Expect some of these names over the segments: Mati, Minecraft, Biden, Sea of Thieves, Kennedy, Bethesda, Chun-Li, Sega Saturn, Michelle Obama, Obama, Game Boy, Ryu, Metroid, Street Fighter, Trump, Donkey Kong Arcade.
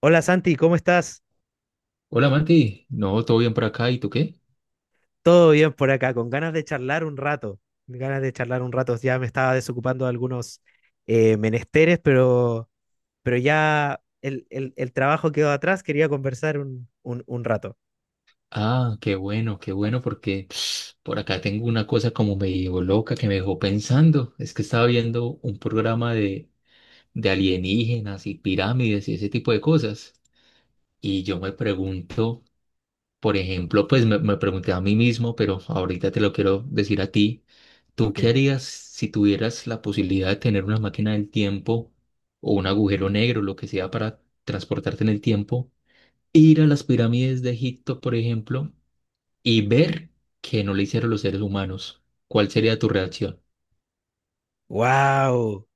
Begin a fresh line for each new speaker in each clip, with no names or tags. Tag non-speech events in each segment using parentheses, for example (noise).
Hola Santi, ¿cómo estás?
Hola Mati, no, todo bien por acá, ¿y tú qué?
Todo bien por acá, con ganas de charlar un rato. Ganas de charlar un rato, ya me estaba desocupando de algunos menesteres, pero ya el trabajo quedó atrás, quería conversar un rato.
Ah, qué bueno, porque (sniffs) por acá tengo una cosa como medio loca que me dejó pensando. Es que estaba viendo un programa de alienígenas y pirámides y ese tipo de cosas. Y yo me pregunto, por ejemplo, pues me pregunté a mí mismo, pero ahorita te lo quiero decir a ti. ¿Tú
Ok.
qué harías si tuvieras la posibilidad de tener una máquina del tiempo o un agujero negro, lo que sea, para transportarte en el tiempo? Ir a las pirámides de Egipto, por ejemplo, y ver que no le hicieron los seres humanos, ¿cuál sería tu reacción?
¡Wow!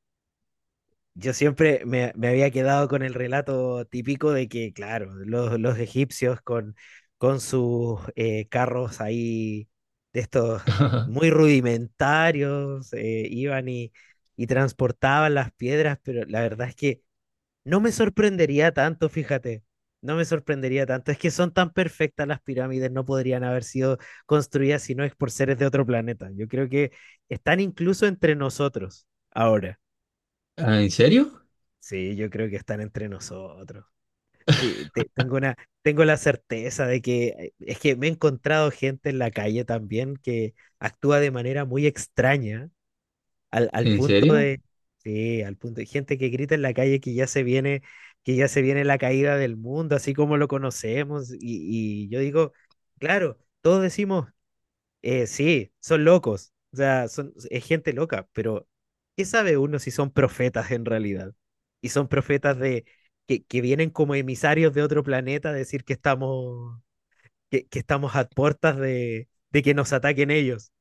Yo siempre me había quedado con el relato típico de que, claro, los egipcios con sus carros ahí de estos muy
(laughs)
rudimentarios, iban y transportaban las piedras, pero la verdad es que no me sorprendería tanto, fíjate, no me sorprendería tanto. Es que son tan perfectas las pirámides, no podrían haber sido construidas si no es por seres de otro planeta. Yo creo que están incluso entre nosotros ahora.
Ah, ¿en serio?
Sí, yo creo que están entre nosotros. Sí, tengo una, tengo la certeza de que es que me he encontrado gente en la calle también que actúa de manera muy extraña, al
¿En
punto
serio?
de, sí, al punto de gente que grita en la calle que ya se viene, que ya se viene la caída del mundo, así como lo conocemos. Y yo digo, claro, todos decimos, sí, son locos. O sea, son, es gente loca, pero ¿qué sabe uno si son profetas en realidad? Y son profetas de que vienen como emisarios de otro planeta a decir que estamos, que estamos a puertas de que nos ataquen ellos.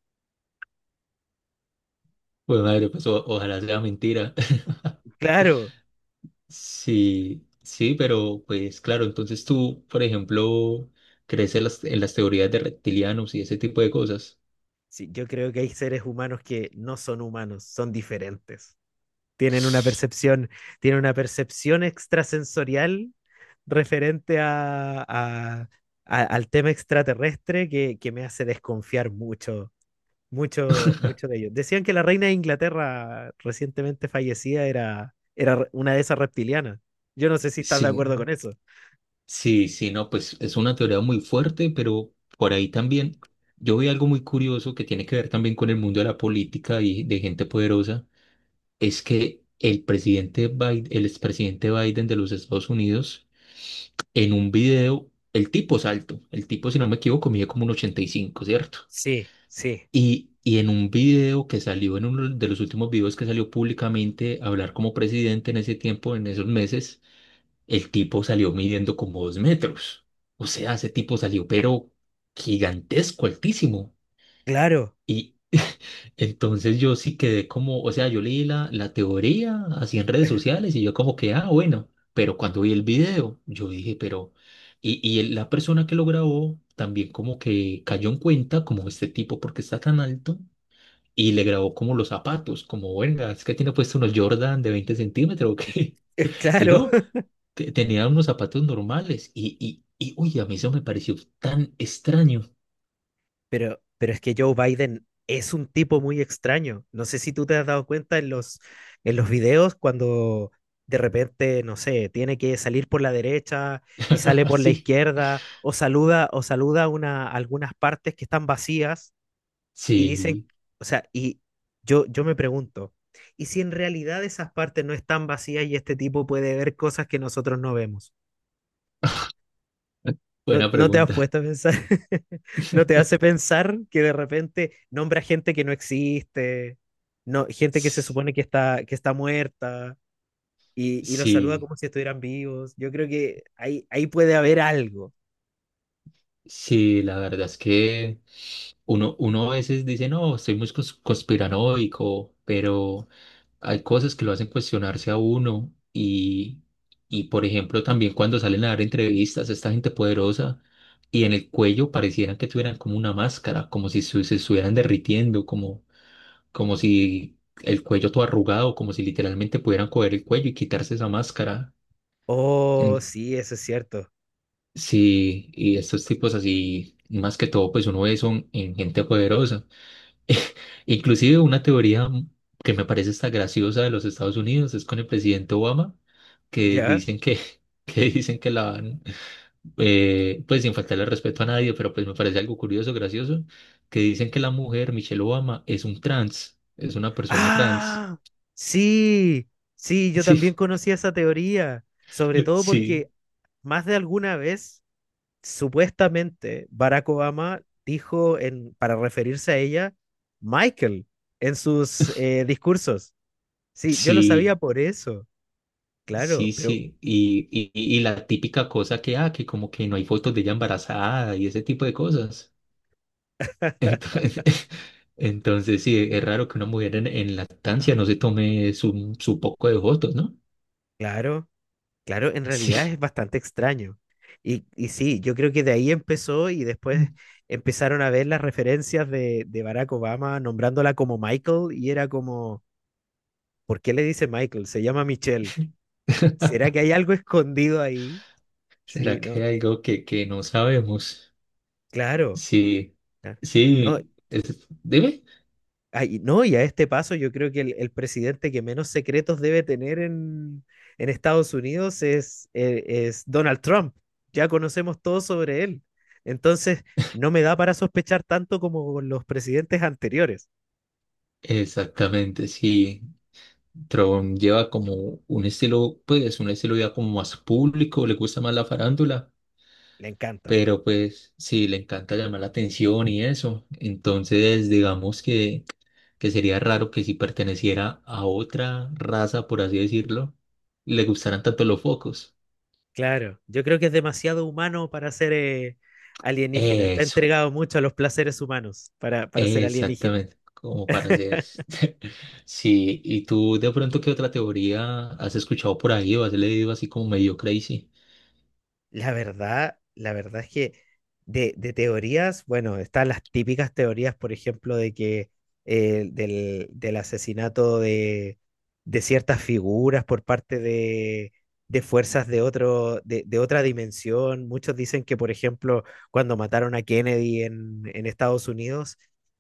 Pues madre, pues ojalá sea mentira. (laughs)
Claro,
Sí, sí, pero pues claro, entonces tú, por ejemplo, crees en las teorías de reptilianos y ese tipo de cosas.
sí, yo creo que hay seres humanos que no son humanos, son diferentes. Tienen una percepción, tienen una percepción extrasensorial referente a, al tema extraterrestre que me hace desconfiar mucho, mucho, mucho de ellos. Decían que la reina de Inglaterra recientemente fallecida era, era una de esas reptilianas. Yo no sé si estás de
Sí,
acuerdo con eso.
sí, sí, no, pues es una teoría muy fuerte, pero por ahí también yo vi algo muy curioso que tiene que ver también con el mundo de la política y de gente poderosa. Es que el presidente Biden, el expresidente Biden de los Estados Unidos, en un video, el tipo es alto, el tipo, si no me equivoco, mide como un 1,85, ¿cierto?
Sí, sí,
Y en un video que salió, en uno de los últimos videos que salió públicamente a hablar como presidente en ese tiempo, en esos meses, el tipo salió midiendo como 2 metros. O sea, ese tipo salió, pero gigantesco, altísimo.
claro,
Y entonces yo sí quedé como, o sea, yo leí la teoría así en redes sociales y yo como que, ah, bueno, pero cuando vi el video, yo dije, pero, y la persona que lo grabó también como que cayó en cuenta como este tipo, porque está tan alto, y le grabó como los zapatos, como, venga, es que tiene puesto unos Jordan de 20 centímetros, ¿o qué?
(laughs)
(laughs) Y
claro.
no, tenía unos zapatos normales y, uy, a mí eso me pareció tan extraño.
Pero es que Joe Biden es un tipo muy extraño. No sé si tú te has dado cuenta en los videos cuando de repente, no sé, tiene que salir por la derecha y sale
(laughs)
por la
Sí,
izquierda o saluda una, algunas partes que están vacías y dicen,
sí,
o sea, y yo me pregunto, ¿y si en realidad esas partes no están vacías y este tipo puede ver cosas que nosotros no vemos? No,
buena
no te has
pregunta.
puesto a pensar, (laughs)
(laughs)
no te hace pensar que de repente nombra gente que no existe, no, gente que se
S-
supone que está muerta y los saluda
Sí,
como si estuvieran vivos. Yo creo que ahí, ahí puede haber algo.
sí, la verdad es que uno a veces dice, no, soy muy conspiranoico, pero hay cosas que lo hacen cuestionarse a uno. Y, y, por ejemplo, también cuando salen a dar entrevistas, esta gente poderosa y en el cuello parecieran que tuvieran como una máscara, como si se estuvieran derritiendo, como como si el cuello todo arrugado, como si literalmente pudieran coger el cuello y quitarse esa máscara.
Oh,
En-
sí, eso es cierto.
sí, y estos tipos así, más que todo, pues uno ve son en gente poderosa. (laughs) Inclusive una teoría que me parece esta graciosa de los Estados Unidos es con el presidente Obama, que
¿Ya?
dicen que, (laughs) que dicen que la van, pues sin faltarle respeto a nadie, pero pues me parece algo curioso, gracioso, que dicen que la mujer, Michelle Obama, es un trans, es una persona trans.
Ah, sí, sí, yo
(laughs)
también
Sí,
conocía esa teoría, sobre todo
sí,
porque más de alguna vez supuestamente Barack Obama dijo en, para referirse a ella, Michael, en sus discursos. Sí, yo lo sabía
sí,
por eso, claro,
sí,
pero
sí. Y la típica cosa que, ah, que como que no hay fotos de ella embarazada y ese tipo de cosas. Entonces, (laughs) entonces sí, es raro que una mujer en lactancia no se tome su, su poco de fotos, ¿no?
claro, claro, en
Sí.
realidad es bastante extraño. Y sí, yo creo que de ahí empezó y después empezaron a ver las referencias de Barack Obama nombrándola como Michael y era como, ¿por qué le dice Michael? Se llama Michelle. ¿Será que
(laughs)
hay algo (laughs) escondido ahí? Sí,
¿Será que
no,
hay algo que no sabemos?
claro.
Sí,
Claro. No,
sí, dime.
ay, no, y a este paso yo creo que el presidente que menos secretos debe tener en Estados Unidos es Donald Trump. Ya conocemos todo sobre él. Entonces, no me da para sospechar tanto como con los presidentes anteriores.
Exactamente, sí. Tron lleva como un estilo, pues un estilo ya como más público, le gusta más la farándula,
Le encanta.
pero pues sí, le encanta llamar la atención y eso. Entonces, digamos que sería raro que si perteneciera a otra raza, por así decirlo, le gustaran tanto los focos.
Claro, yo creo que es demasiado humano para ser alienígena. Está
Eso,
entregado mucho a los placeres humanos para ser alienígena.
exactamente, como para hacer. (laughs) Sí, ¿y tú de pronto qué otra teoría has escuchado por ahí o has leído así como medio crazy?
La verdad es que de teorías, bueno, están las típicas teorías, por ejemplo, de que del, del asesinato de ciertas figuras por parte de fuerzas de otro, de otra dimensión. Muchos dicen que, por ejemplo, cuando mataron a Kennedy en Estados Unidos,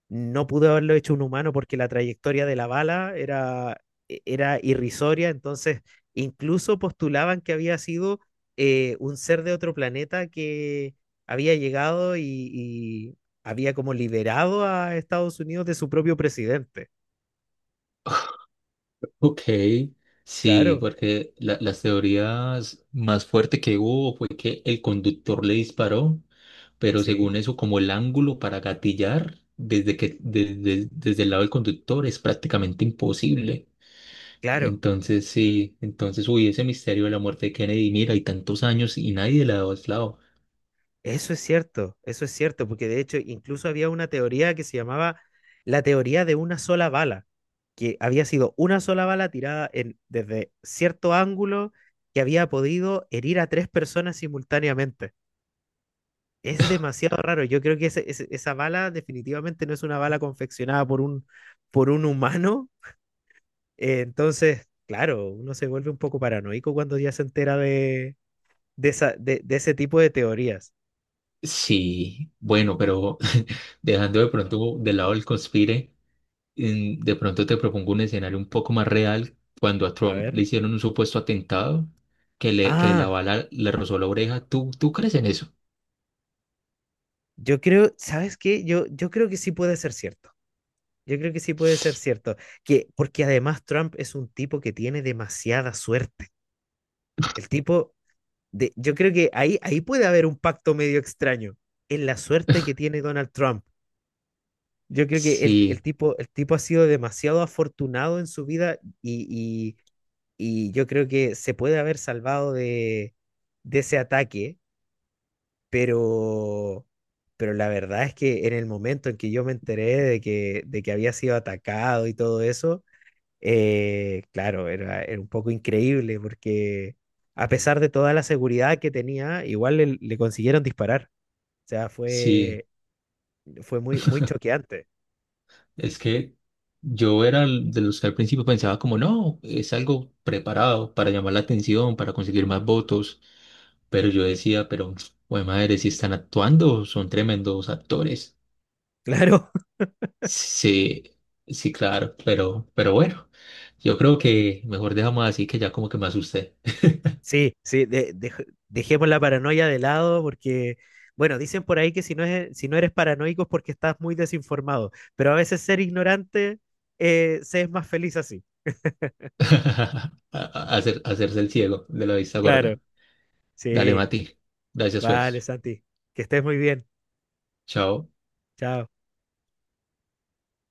no pudo haberlo hecho un humano porque la trayectoria de la bala era, era irrisoria, entonces incluso postulaban que había sido un ser de otro planeta que había llegado y había como liberado a Estados Unidos de su propio presidente.
Ok, sí,
Claro,
porque las teorías más fuerte que hubo fue que el conductor le disparó, pero
sí,
según eso, como el ángulo para gatillar desde que desde el lado del conductor es prácticamente imposible.
claro.
Entonces, sí, entonces, uy, ese misterio de la muerte de Kennedy, mira, hay tantos años y nadie le ha dado lado.
Eso es cierto, porque de hecho incluso había una teoría que se llamaba la teoría de una sola bala, que había sido una sola bala tirada en, desde cierto ángulo que había podido herir a tres personas simultáneamente. Es demasiado raro. Yo creo que esa bala definitivamente no es una bala confeccionada por un humano. Entonces, claro, uno se vuelve un poco paranoico cuando ya se entera de, de ese tipo de teorías.
Sí, bueno, pero (laughs) dejando de pronto de lado el conspire. De pronto te propongo un escenario un poco más real cuando a
A
Trump
ver.
le hicieron un supuesto atentado que le que la
Ah,
bala le rozó la oreja. ¿Tú, tú crees en eso?
yo creo, ¿sabes qué? Yo creo que sí puede ser cierto. Yo creo que sí puede ser cierto. Que, porque además Trump es un tipo que tiene demasiada suerte. El tipo de, yo creo que ahí, ahí puede haber un pacto medio extraño en la suerte que tiene Donald Trump. Yo creo que
Sí,
el tipo ha sido demasiado afortunado en su vida y yo creo que se puede haber salvado de ese ataque, pero, pero la verdad es que en el momento en que yo me enteré de que había sido atacado y todo eso, claro, era, era un poco increíble porque a pesar de toda la seguridad que tenía, igual le, le consiguieron disparar. O sea,
sí.
fue, fue muy, muy choqueante.
Es que yo era de los que al principio pensaba como no, es algo preparado para llamar la atención, para conseguir más votos. Pero yo decía, pero, (tsk) bueno, madre, si están actuando, son tremendos actores.
(laughs) Claro.
Sí, sí, claro, pero bueno, yo creo que mejor dejamos así que ya como que me asusté.
Sí, sí, dejemos la paranoia de lado porque, bueno, dicen por ahí que si no es, si no eres paranoico es porque estás muy desinformado, pero a veces ser ignorante se es más feliz así.
(laughs) Hacer, hacerse el ciego de la vista
Claro.
gorda. Dale,
Sí,
Mati. Gracias,
vale,
pues.
Santi, que estés muy bien.
Chao.
Chao.